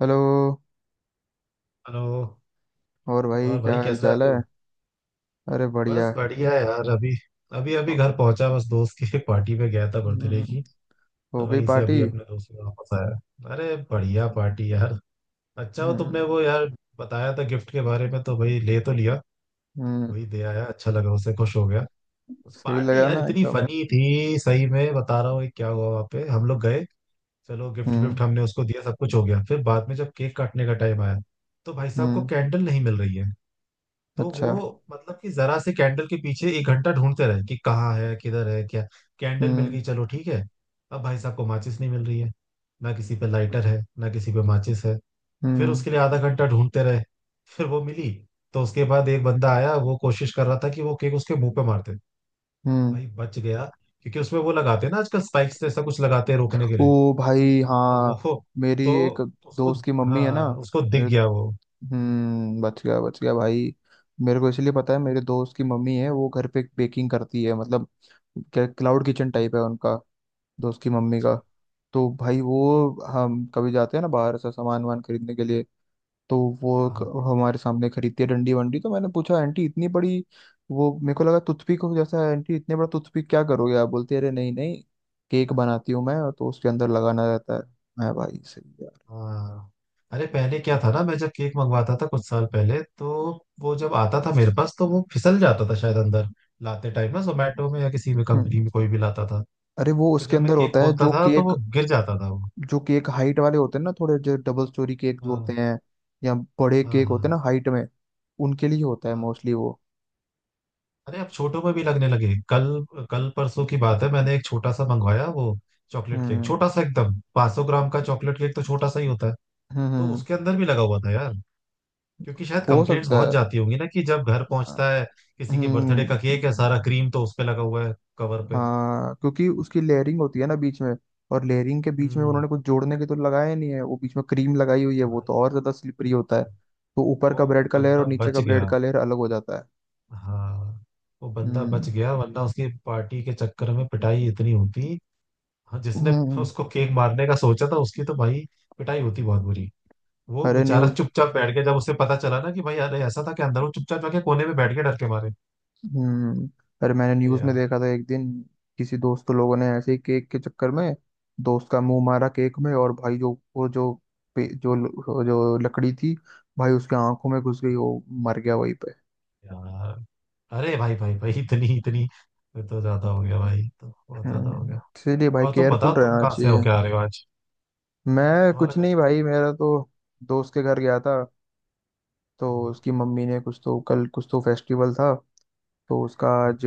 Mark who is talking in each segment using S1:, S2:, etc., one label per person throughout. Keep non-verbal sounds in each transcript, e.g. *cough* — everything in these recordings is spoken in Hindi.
S1: हेलो।
S2: हेलो।
S1: और भाई
S2: और
S1: क्या
S2: भाई
S1: हाल
S2: कैसा है
S1: चाल है?
S2: तू?
S1: अरे बढ़िया।
S2: बस बढ़िया है यार। अभी अभी अभी घर पहुंचा, बस दोस्त की *laughs* पार्टी पे गया था, बर्थडे की।
S1: हम्म, हो
S2: तो
S1: गई
S2: वहीं से
S1: पार्टी?
S2: अभी अपने दोस्त के वापस आया। अरे बढ़िया पार्टी यार। अच्छा, हो तुमने
S1: हम्म।
S2: वो यार बताया था गिफ्ट के बारे में, तो भाई ले तो लिया।
S1: हम्म,
S2: वही दे आया, अच्छा लगा उसे, खुश हो गया। उस
S1: सही
S2: पार्टी
S1: लगा
S2: यार
S1: ना
S2: इतनी
S1: एकदम?
S2: फनी थी, सही में बता रहा हूँ। एक क्या हुआ वहाँ पे, हम लोग गए, चलो गिफ्ट
S1: हम्म।
S2: विफ्ट हमने उसको दिया, सब कुछ हो गया। फिर बाद में जब केक काटने का टाइम आया तो भाई साहब को
S1: हम्म।
S2: कैंडल नहीं मिल रही है। तो
S1: अच्छा।
S2: वो मतलब कि जरा से कैंडल के पीछे एक घंटा ढूंढते रहे कि कहाँ है किधर है क्या। कैंडल मिल
S1: हम्म।
S2: गई, चलो ठीक है। अब भाई साहब को माचिस नहीं मिल रही है। ना किसी पे लाइटर है ना किसी पे माचिस है। फिर
S1: हम्म।
S2: उसके लिए आधा घंटा ढूंढते रहे, फिर वो मिली। तो उसके बाद एक बंदा आया, वो कोशिश कर रहा था कि वो केक उसके मुंह पे मारते।
S1: हम्म।
S2: भाई बच गया क्योंकि उसमें वो लगाते हैं ना आजकल, स्पाइक्स जैसा कुछ लगाते हैं रोकने के लिए।
S1: ओ भाई
S2: तो
S1: हाँ,
S2: वो,
S1: मेरी
S2: तो
S1: एक
S2: उसको,
S1: दोस्त की मम्मी है ना,
S2: हाँ उसको
S1: मेरे,
S2: दिख गया वो।
S1: हम्म, बच गया भाई। मेरे को इसलिए पता है, मेरे दोस्त की मम्मी है वो घर पे बेकिंग करती है, मतलब क्या क्लाउड किचन टाइप है उनका, दोस्त की मम्मी का।
S2: अच्छा।
S1: तो भाई वो, हम कभी जाते हैं ना बाहर से सामान वामान खरीदने के लिए तो वो
S2: हाँ।
S1: हमारे सामने खरीदती है डंडी वंडी, तो मैंने पूछा आंटी इतनी बड़ी, वो मेरे को लगा टूथपिक हो जैसा है। आंटी इतने बड़ा टूथपिक क्या करोगे आप? बोलती है, अरे नहीं नहीं, केक बनाती हूँ मैं, तो उसके अंदर लगाना रहता है। मैं भाई, सही यार।
S2: हाँ, अरे पहले क्या था ना, मैं जब केक मंगवाता था कुछ साल पहले, तो वो जब आता था मेरे पास तो वो फिसल जाता था शायद अंदर लाते टाइम ना, जोमेटो में या किसी भी
S1: हम्म।
S2: कंपनी में कोई भी लाता था।
S1: अरे वो
S2: तो
S1: उसके
S2: जब मैं
S1: अंदर
S2: केक
S1: होता है
S2: खोलता
S1: जो
S2: था तो
S1: केक,
S2: वो गिर जाता था वो।
S1: जो केक हाइट वाले होते हैं ना थोड़े, जो डबल स्टोरी केक जो होते
S2: हाँ
S1: हैं या बड़े
S2: हाँ
S1: केक
S2: हाँ
S1: होते हैं ना हाइट में, उनके लिए होता है
S2: हाँ।
S1: मोस्टली वो।
S2: अरे अब छोटों में भी लगने लगे। कल, कल परसों की बात है, मैंने एक छोटा सा मंगवाया वो चॉकलेट केक,
S1: हम्म।
S2: छोटा सा एकदम 500 ग्राम का। चॉकलेट केक तो छोटा सा ही होता है।
S1: हम्म। हम्म।
S2: तो
S1: हम्म।
S2: उसके अंदर भी लगा हुआ था यार। क्योंकि शायद
S1: हो
S2: कंप्लेंट्स
S1: सकता
S2: बहुत
S1: है।
S2: जाती होंगी ना कि जब घर
S1: अ,
S2: पहुंचता है किसी के बर्थडे
S1: हम्म।
S2: का केक है, सारा क्रीम तो उस पे लगा हुआ है, कवर पे।
S1: हाँ क्योंकि उसकी लेयरिंग होती है ना बीच में, और लेयरिंग के बीच में
S2: हम्म।
S1: उन्होंने कुछ जोड़ने के तो लगाया नहीं है, वो बीच में क्रीम लगाई हुई है, वो
S2: भाई,
S1: तो और ज्यादा स्लिपरी होता है, तो ऊपर
S2: वो
S1: का ब्रेड का लेयर और
S2: बंदा
S1: नीचे का
S2: बच
S1: ब्रेड
S2: गया।
S1: का लेयर अलग हो जाता है।
S2: हाँ, वो बंदा
S1: हम्म।
S2: बच गया, वरना उसकी पार्टी के चक्कर में पिटाई इतनी होती। हाँ, जिसने
S1: हम्म,
S2: उसको केक मारने का सोचा था, उसकी तो भाई पिटाई होती बहुत बुरी। वो
S1: अरे
S2: बेचारा
S1: न्यूज,
S2: चुपचाप बैठ गया जब उसे पता चला ना कि भाई, अरे ऐसा था कि अंदर वो चुपचाप जाके कोने में बैठ के, डर के मारे।
S1: हम्म, अरे मैंने
S2: अरे
S1: न्यूज में
S2: यार,
S1: देखा था एक दिन किसी दोस्त लोगों ने ऐसे ही केक के चक्कर में दोस्त का मुंह मारा केक में, और भाई जो वो जो जो, जो लकड़ी थी भाई उसके आंखों में घुस गई, वो मर गया वहीं पे।
S2: यार, अरे भाई भाई भाई, इतनी इतनी ये तो ज्यादा हो गया भाई, तो बहुत ज्यादा हो
S1: हम्म,
S2: गया।
S1: इसीलिए भाई
S2: और तुम
S1: केयरफुल
S2: बताओ, तुम
S1: रहना
S2: कहाँ से
S1: चाहिए।
S2: होके आ रहे हो आज?
S1: मैं
S2: तुम्हारा
S1: कुछ
S2: क्या
S1: नहीं भाई,
S2: चल
S1: मेरा तो दोस्त के घर गया था, तो
S2: रहा
S1: उसकी मम्मी ने कुछ, तो कल कुछ तो फेस्टिवल था तो उसका आज,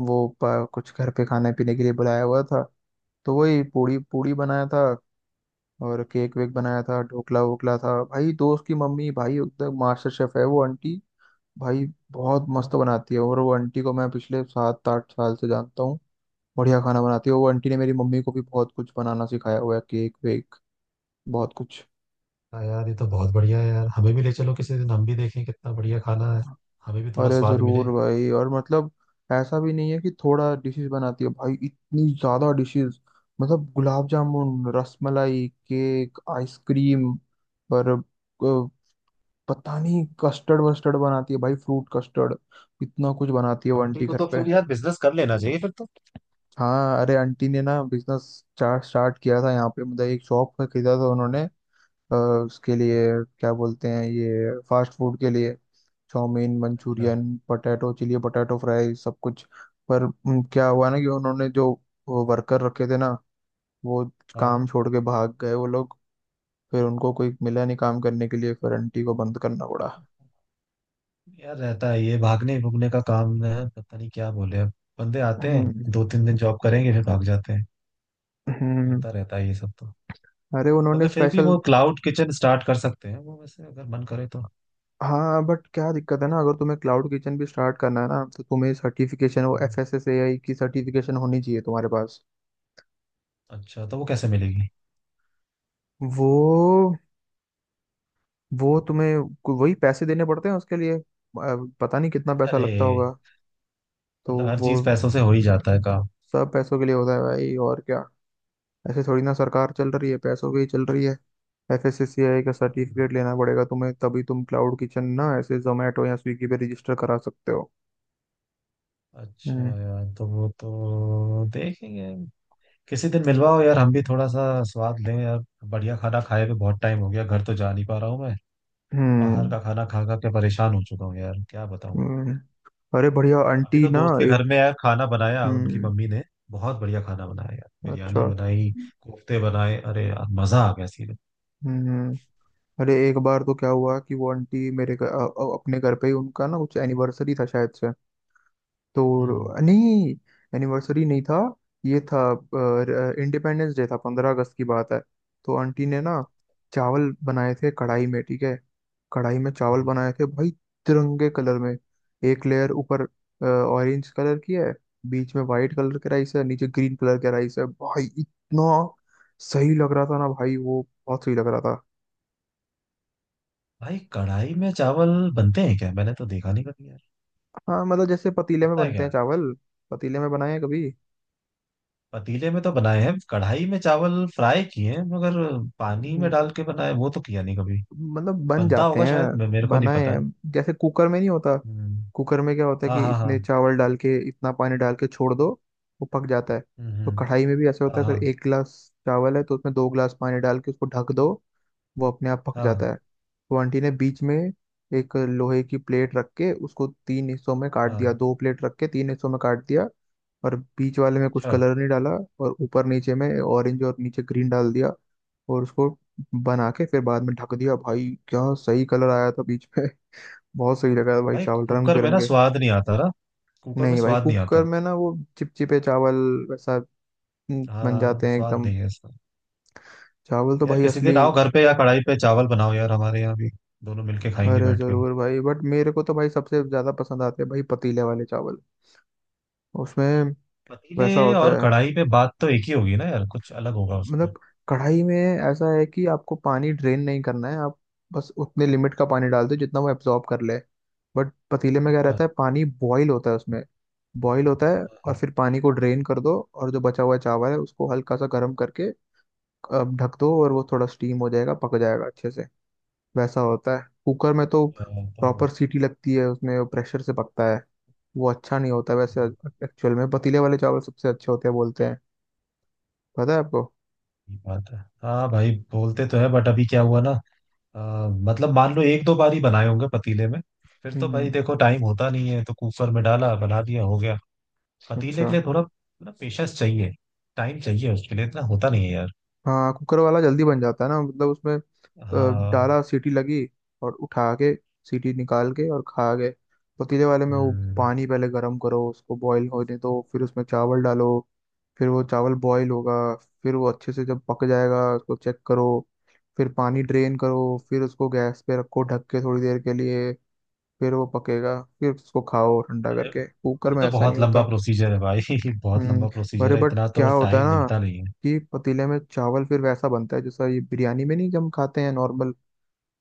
S1: वो कुछ घर पे खाने पीने के लिए बुलाया हुआ था। तो वही पूड़ी पूड़ी बनाया था और केक वेक बनाया था, ढोकला वोकला था। भाई दोस्त की मम्मी भाई एकदम मास्टर शेफ है वो आंटी, भाई बहुत
S2: है?
S1: मस्त बनाती है, और वो आंटी को मैं पिछले 7-8 साल से जानता हूँ। बढ़िया खाना बनाती है, वो आंटी ने मेरी मम्मी को भी बहुत कुछ बनाना सिखाया हुआ है, केक वेक, बहुत कुछ।
S2: हाँ यार, ये तो बहुत बढ़िया है यार, हमें भी ले चलो किसी दिन, हम भी देखें कितना बढ़िया खाना है। हमें भी थोड़ा
S1: अरे
S2: स्वाद मिले।
S1: जरूर भाई, और मतलब ऐसा भी नहीं है कि थोड़ा डिशेस बनाती है भाई, इतनी ज्यादा डिशेस, मतलब गुलाब जामुन रसमलाई केक आइसक्रीम, और पता नहीं कस्टर्ड वस्टर्ड बनाती है भाई, फ्रूट कस्टर्ड, इतना कुछ बनाती है वो
S2: आंटी
S1: आंटी
S2: को
S1: घर
S2: तो
S1: पे।
S2: फिर यार बिजनेस कर लेना चाहिए फिर तो।
S1: हाँ अरे आंटी ने ना बिजनेस स्टार्ट स्टार्ट किया था यहाँ पे, मतलब एक शॉप खरीदा था
S2: हम्म,
S1: उन्होंने, उसके
S2: हम्म।
S1: लिए, क्या बोलते हैं ये फास्ट फूड के लिए चाउमीन
S2: अच्छा।
S1: Manchurian potato chilli potato fry सब कुछ। पर क्या हुआ ना कि उन्होंने जो वर्कर रखे थे ना, वो काम
S2: हाँ
S1: छोड़ के भाग गए वो लोग। फिर उनको कोई मिला नहीं काम करने के लिए, फिर आंटी को बंद करना पड़ा।
S2: यार, रहता है ये भागने भुगने का काम है, पता नहीं क्या बोले अब। बंदे आते हैं,
S1: हम्म।
S2: दो तीन दिन जॉब करेंगे फिर भाग जाते हैं।
S1: हम्म।
S2: होता रहता है ये सब तो।
S1: अरे उन्होंने
S2: मगर फिर भी
S1: स्पेशल,
S2: वो क्लाउड किचन स्टार्ट कर सकते हैं वो, वैसे अगर मन करे तो।
S1: हाँ बट क्या दिक्कत है ना, अगर तुम्हें क्लाउड किचन भी स्टार्ट करना है ना तो तुम्हें सर्टिफिकेशन, वो एफ
S2: हम्म,
S1: एस एस ए आई की सर्टिफिकेशन होनी चाहिए तुम्हारे पास।
S2: अच्छा तो वो कैसे मिलेगी?
S1: वो वो तुम्हें वही पैसे देने पड़ते हैं उसके लिए, पता नहीं कितना पैसा लगता होगा
S2: अरे,
S1: तो
S2: मतलब हर
S1: वो।
S2: चीज पैसों से हो ही जाता है काम।
S1: सब पैसों के लिए होता है भाई, और क्या, ऐसे थोड़ी ना सरकार चल रही है, पैसों की ही चल रही है। एफएससीआई का सर्टिफिकेट लेना पड़ेगा तुम्हें, तभी तुम क्लाउड किचन ना ऐसे जोमेटो या स्विगी पे रजिस्टर करा सकते हो।
S2: अच्छा
S1: हम्म।
S2: यार, तो वो तो देखेंगे। किसी दिन मिलवाओ यार, हम भी थोड़ा सा स्वाद लें यार। बढ़िया खाना खाए हुए बहुत टाइम हो गया, घर तो जा नहीं पा रहा हूँ मैं। बाहर
S1: हम्म।
S2: का खाना खा खा के परेशान हो चुका हूँ यार, क्या बताऊँ।
S1: हम्म। अरे बढ़िया
S2: अभी
S1: आंटी
S2: तो
S1: ना,
S2: दोस्त के
S1: एक,
S2: घर में यार खाना बनाया उनकी
S1: हम्म,
S2: मम्मी ने। बहुत बढ़िया खाना बनाया यार, बिरयानी
S1: अच्छा,
S2: बनाई, कोफ्ते बनाए, अरे यार मजा आ गया सीधे।
S1: हम्म। हम्म। अरे एक बार तो क्या हुआ कि वो आंटी मेरे घर अपने घर पे ही उनका ना कुछ एनिवर्सरी था शायद से,
S2: हम्म।
S1: तो नहीं, एनिवर्सरी नहीं था, ये था, इंडिपेंडेंस डे था, 15 अगस्त की बात है। तो आंटी ने ना चावल बनाए थे कढ़ाई में, ठीक है, कढ़ाई में चावल बनाए थे भाई, तिरंगे कलर में, एक लेयर ऊपर ऑरेंज कलर की है, बीच में वाइट कलर के राइस है, नीचे ग्रीन कलर के राइस है, भाई इतना सही लग रहा था ना भाई, वो बहुत सही लग रहा था।
S2: भाई कढ़ाई में चावल बनते हैं क्या? मैंने तो देखा नहीं कभी यार।
S1: हाँ मतलब जैसे पतीले में
S2: होता है
S1: बनते
S2: क्या?
S1: हैं चावल, पतीले में बनाए हैं
S2: पतीले में तो बनाए हैं, कढ़ाई में चावल फ्राई किए हैं, मगर पानी में
S1: कभी,
S2: डाल के बनाए वो तो किया नहीं कभी।
S1: मतलब बन
S2: बनता
S1: जाते
S2: होगा
S1: हैं,
S2: शायद, मेरे को नहीं
S1: बनाए
S2: पता
S1: हैं।
S2: है।
S1: जैसे कुकर में नहीं होता,
S2: हम्म,
S1: कुकर में क्या होता है
S2: हाँ
S1: कि
S2: हाँ हाँ।
S1: इतने चावल डाल के इतना पानी डाल के छोड़ दो, वो पक जाता है।
S2: हम्म
S1: तो
S2: हम्म,
S1: कढ़ाई में भी ऐसा होता
S2: हाँ
S1: है, अगर
S2: हाँ
S1: 1 गिलास चावल है तो उसमें 2 गिलास पानी डाल के उसको ढक दो, वो अपने आप पक जाता
S2: हाँ
S1: है। तो आंटी ने बीच में एक लोहे की प्लेट रख के उसको 3 हिस्सों में काट दिया,
S2: हाँ।
S1: 2 प्लेट रख के 3 हिस्सों में काट दिया, और बीच वाले में कुछ
S2: अच्छा।
S1: कलर नहीं डाला, और ऊपर नीचे में ऑरेंज और नीचे ग्रीन डाल दिया, और उसको बना के फिर बाद में ढक दिया। भाई क्या सही कलर आया था बीच में। *laughs* बहुत सही लगा था भाई
S2: भाई
S1: चावल रंग
S2: कुकर में ना
S1: बिरंगे।
S2: स्वाद नहीं आता ना, कुकर में
S1: नहीं भाई
S2: स्वाद नहीं
S1: कुकर
S2: आता।
S1: में ना वो चिपचिपे चावल वैसा, बन
S2: हाँ,
S1: जाते हैं
S2: स्वाद
S1: एकदम।
S2: नहीं है इसका।
S1: चावल तो
S2: यार
S1: भाई
S2: किसी
S1: असली,
S2: दिन आओ घर पे या कढ़ाई पे चावल बनाओ यार हमारे यहाँ भी, दोनों मिलके खाएंगे
S1: अरे
S2: बैठ के।
S1: जरूर भाई, बट मेरे को तो भाई सबसे ज्यादा पसंद आते हैं भाई पतीले वाले चावल, उसमें
S2: पतीले
S1: वैसा होता
S2: और
S1: है।
S2: कढ़ाई पे बात तो एक ही होगी ना यार, कुछ अलग होगा उसमें।
S1: मतलब कढ़ाई में ऐसा है कि आपको पानी ड्रेन नहीं करना है, आप बस उतने लिमिट का पानी डाल दो जितना वो एब्जॉर्ब कर ले। बट पतीले में क्या
S2: अच्छा।
S1: रहता है, पानी बॉईल होता है उसमें, बॉईल होता है और
S2: अच्छा,
S1: फिर पानी को ड्रेन कर दो, और जो बचा हुआ चावल है उसको हल्का सा गर्म करके ढक दो, और वो थोड़ा स्टीम हो जाएगा, पक जाएगा अच्छे से। वैसा होता है। कुकर में तो
S2: हाँ, तो
S1: प्रॉपर सीटी लगती है उसमें, वो प्रेशर से पकता है, वो अच्छा नहीं होता वैसे। एक्चुअल में पतीले वाले चावल सबसे अच्छे होते हैं बोलते हैं, पता है आपको।
S2: ये बात है। हाँ भाई, बोलते तो है बट अभी क्या हुआ ना, मतलब मान लो एक दो बार ही बनाए होंगे पतीले में, फिर तो भाई
S1: हम्म।
S2: देखो टाइम होता नहीं है तो कुकर में डाला, बना दिया, हो गया। पतीले
S1: अच्छा।
S2: के लिए थोड़ा ना पेशेंस चाहिए, टाइम चाहिए उसके लिए, इतना होता नहीं है यार।
S1: हाँ कुकर वाला जल्दी बन जाता है ना, मतलब उसमें
S2: हाँ।
S1: डाला, सीटी लगी, और उठा के सीटी निकाल के और खा गए। पतीले वाले में वो
S2: हम्म।
S1: पानी पहले गर्म करो, उसको बॉईल होने दो, फिर उसमें चावल डालो, फिर वो चावल बॉईल होगा, फिर वो अच्छे से जब पक जाएगा उसको चेक करो, फिर पानी ड्रेन करो, फिर उसको गैस पे रखो ढक के थोड़ी देर के लिए, फिर वो पकेगा, फिर उसको खाओ ठंडा
S2: अरे
S1: करके। कुकर
S2: ये
S1: में
S2: तो
S1: ऐसा नहीं
S2: बहुत लंबा
S1: होता।
S2: प्रोसीजर है भाई। *laughs* बहुत लंबा
S1: हम्म,
S2: प्रोसीजर
S1: अरे
S2: है,
S1: बट
S2: इतना तो
S1: क्या होता है
S2: टाइम
S1: ना
S2: मिलता नहीं है।
S1: कि पतीले में चावल फिर वैसा बनता है जैसा ये बिरयानी में, नहीं, जब हम खाते हैं नॉर्मल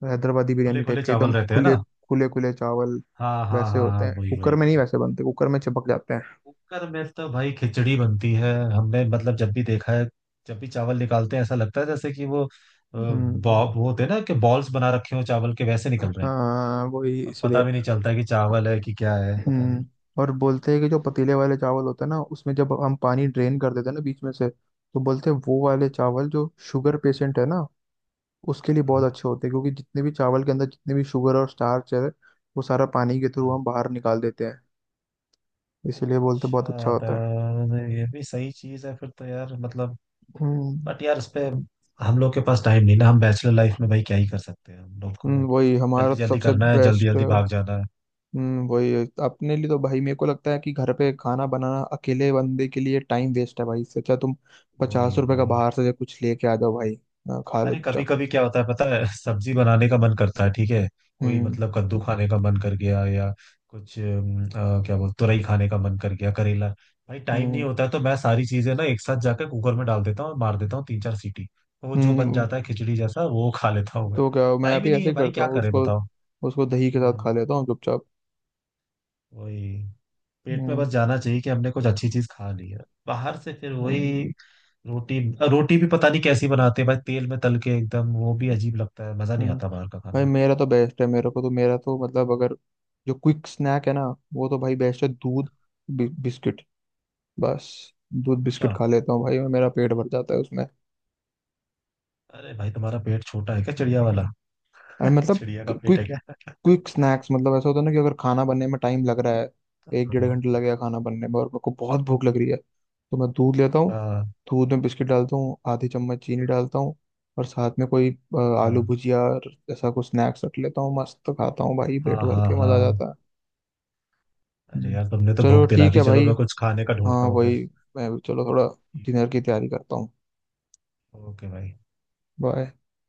S1: हैदराबादी
S2: खुले
S1: बिरयानी
S2: खुले
S1: टाइप के, एकदम
S2: चावल रहते हैं
S1: खुले
S2: ना।
S1: खुले खुले चावल,
S2: हाँ हाँ
S1: वैसे
S2: हाँ
S1: होते
S2: हाँ,
S1: हैं,
S2: वही
S1: कुकर
S2: वही
S1: में नहीं
S2: वही।
S1: वैसे बनते, कुकर में चिपक जाते हैं।
S2: कुकर में तो भाई खिचड़ी बनती है हमने, मतलब जब भी देखा है, जब भी चावल निकालते हैं ऐसा लगता है जैसे कि वो बॉ,
S1: हम्म,
S2: वो होते हैं ना कि बॉल्स बना रखे हो चावल के, वैसे निकल रहे हैं।
S1: हाँ वही
S2: अब पता
S1: इसलिए।
S2: भी नहीं चलता है कि चावल है कि क्या है, पता नहीं।
S1: हम्म, और बोलते हैं कि जो पतीले वाले चावल होते हैं ना उसमें जब हम पानी ड्रेन कर देते हैं ना बीच में से, तो बोलते हैं वो वाले चावल जो शुगर पेशेंट है ना उसके लिए बहुत
S2: हाँ।
S1: अच्छे होते हैं, क्योंकि जितने भी चावल के अंदर जितने भी शुगर और स्टार्च है, वो सारा पानी के थ्रू
S2: हाँ।
S1: हम बाहर निकाल देते हैं। इसीलिए बोलते हैं बहुत अच्छा
S2: अच्छा,
S1: होता है।
S2: तो ये भी सही चीज है फिर तो यार मतलब।
S1: हम्म,
S2: बट यार इस पे हम लोग के पास टाइम नहीं ना, हम बैचलर लाइफ में भाई क्या ही कर सकते हैं, हम लोग को
S1: वही हमारा
S2: जल्दी
S1: तो
S2: जल्दी
S1: सबसे
S2: करना है, जल्दी
S1: बेस्ट,
S2: जल्दी भाग जाना है।
S1: वही है। अपने लिए तो भाई मेरे को लगता है कि घर पे खाना बनाना अकेले बंदे के लिए टाइम वेस्ट है भाई, इससे अच्छा तुम पचास
S2: वही
S1: रुपए का
S2: वही।
S1: बाहर से कुछ लेके आ जाओ भाई। हाँ, खा लो
S2: अरे कभी
S1: चुपचाप।
S2: कभी क्या होता है पता है, सब्जी बनाने का मन करता है ठीक है, कोई
S1: हम्म।
S2: मतलब कद्दू खाने का मन कर गया या कुछ क्या बोल, तुरई खाने का मन कर गया, करेला। भाई टाइम नहीं
S1: हम्म।
S2: होता है तो मैं सारी चीजें ना एक साथ जाकर कुकर में डाल देता हूँ और मार देता हूँ तीन चार सीटी, तो वो जो बन
S1: हम्म,
S2: जाता है खिचड़ी जैसा, वो खा लेता हूँ मैं।
S1: तो क्या मैं
S2: टाइम ही
S1: भी
S2: नहीं
S1: ऐसे
S2: है
S1: ही
S2: भाई,
S1: करता
S2: क्या
S1: हूँ
S2: करे
S1: उसको,
S2: बताओ।
S1: उसको दही के साथ खा
S2: हम्म,
S1: लेता हूँ चुपचाप।
S2: वही। पेट में बस
S1: हम्म।
S2: जाना चाहिए कि हमने कुछ अच्छी चीज खा ली है। बाहर से फिर
S1: हम्म।
S2: वही रोटी। रोटी भी पता नहीं कैसी बनाते हैं भाई, तेल में तल के एकदम, वो भी अजीब लगता है, मजा नहीं
S1: हम्म।
S2: आता बाहर का
S1: भाई
S2: खाना।
S1: मेरा तो बेस्ट है, मेरे को तो, मेरा तो, मतलब अगर जो क्विक स्नैक है ना वो तो भाई बेस्ट है, दूध बिस्किट, बस दूध
S2: अच्छा।
S1: बिस्किट खा लेता हूँ भाई मैं, मेरा पेट भर जाता है उसमें।
S2: अरे भाई तुम्हारा पेट छोटा है क्या, चिड़िया वाला?
S1: और
S2: *laughs*
S1: मतलब
S2: चिड़िया का पेट है
S1: क्विक,
S2: क्या?
S1: क्विक स्नैक्स मतलब ऐसा होता है ना कि अगर खाना बनने में टाइम लग रहा है, एक डेढ़
S2: हाँ।
S1: घंटे लग गया खाना बनने में और मेरे को बहुत भूख लग रही है, तो मैं दूध लेता हूँ,
S2: *laughs* हाँ
S1: दूध में बिस्किट डालता हूँ, आधी चम्मच चीनी डालता हूँ, और साथ में कोई अ, आलू
S2: हाँ
S1: भुजिया और ऐसा कुछ स्नैक्स रख लेता हूँ, मस्त खाता हूँ भाई पेट
S2: हाँ
S1: भर
S2: हाँ
S1: के, मजा आ
S2: हाँ।
S1: जाता है।
S2: अरे
S1: हम्म।
S2: यार तुमने तो
S1: चलो
S2: भूख दिला
S1: ठीक
S2: दी,
S1: है
S2: चलो
S1: भाई,
S2: मैं कुछ खाने का
S1: हाँ
S2: ढूंढता हूँ फिर।
S1: वही, मैं भी चलो थोड़ा
S2: ठीक है
S1: डिनर की
S2: भाई।
S1: तैयारी करता हूँ।
S2: ओके भाई।
S1: बाय।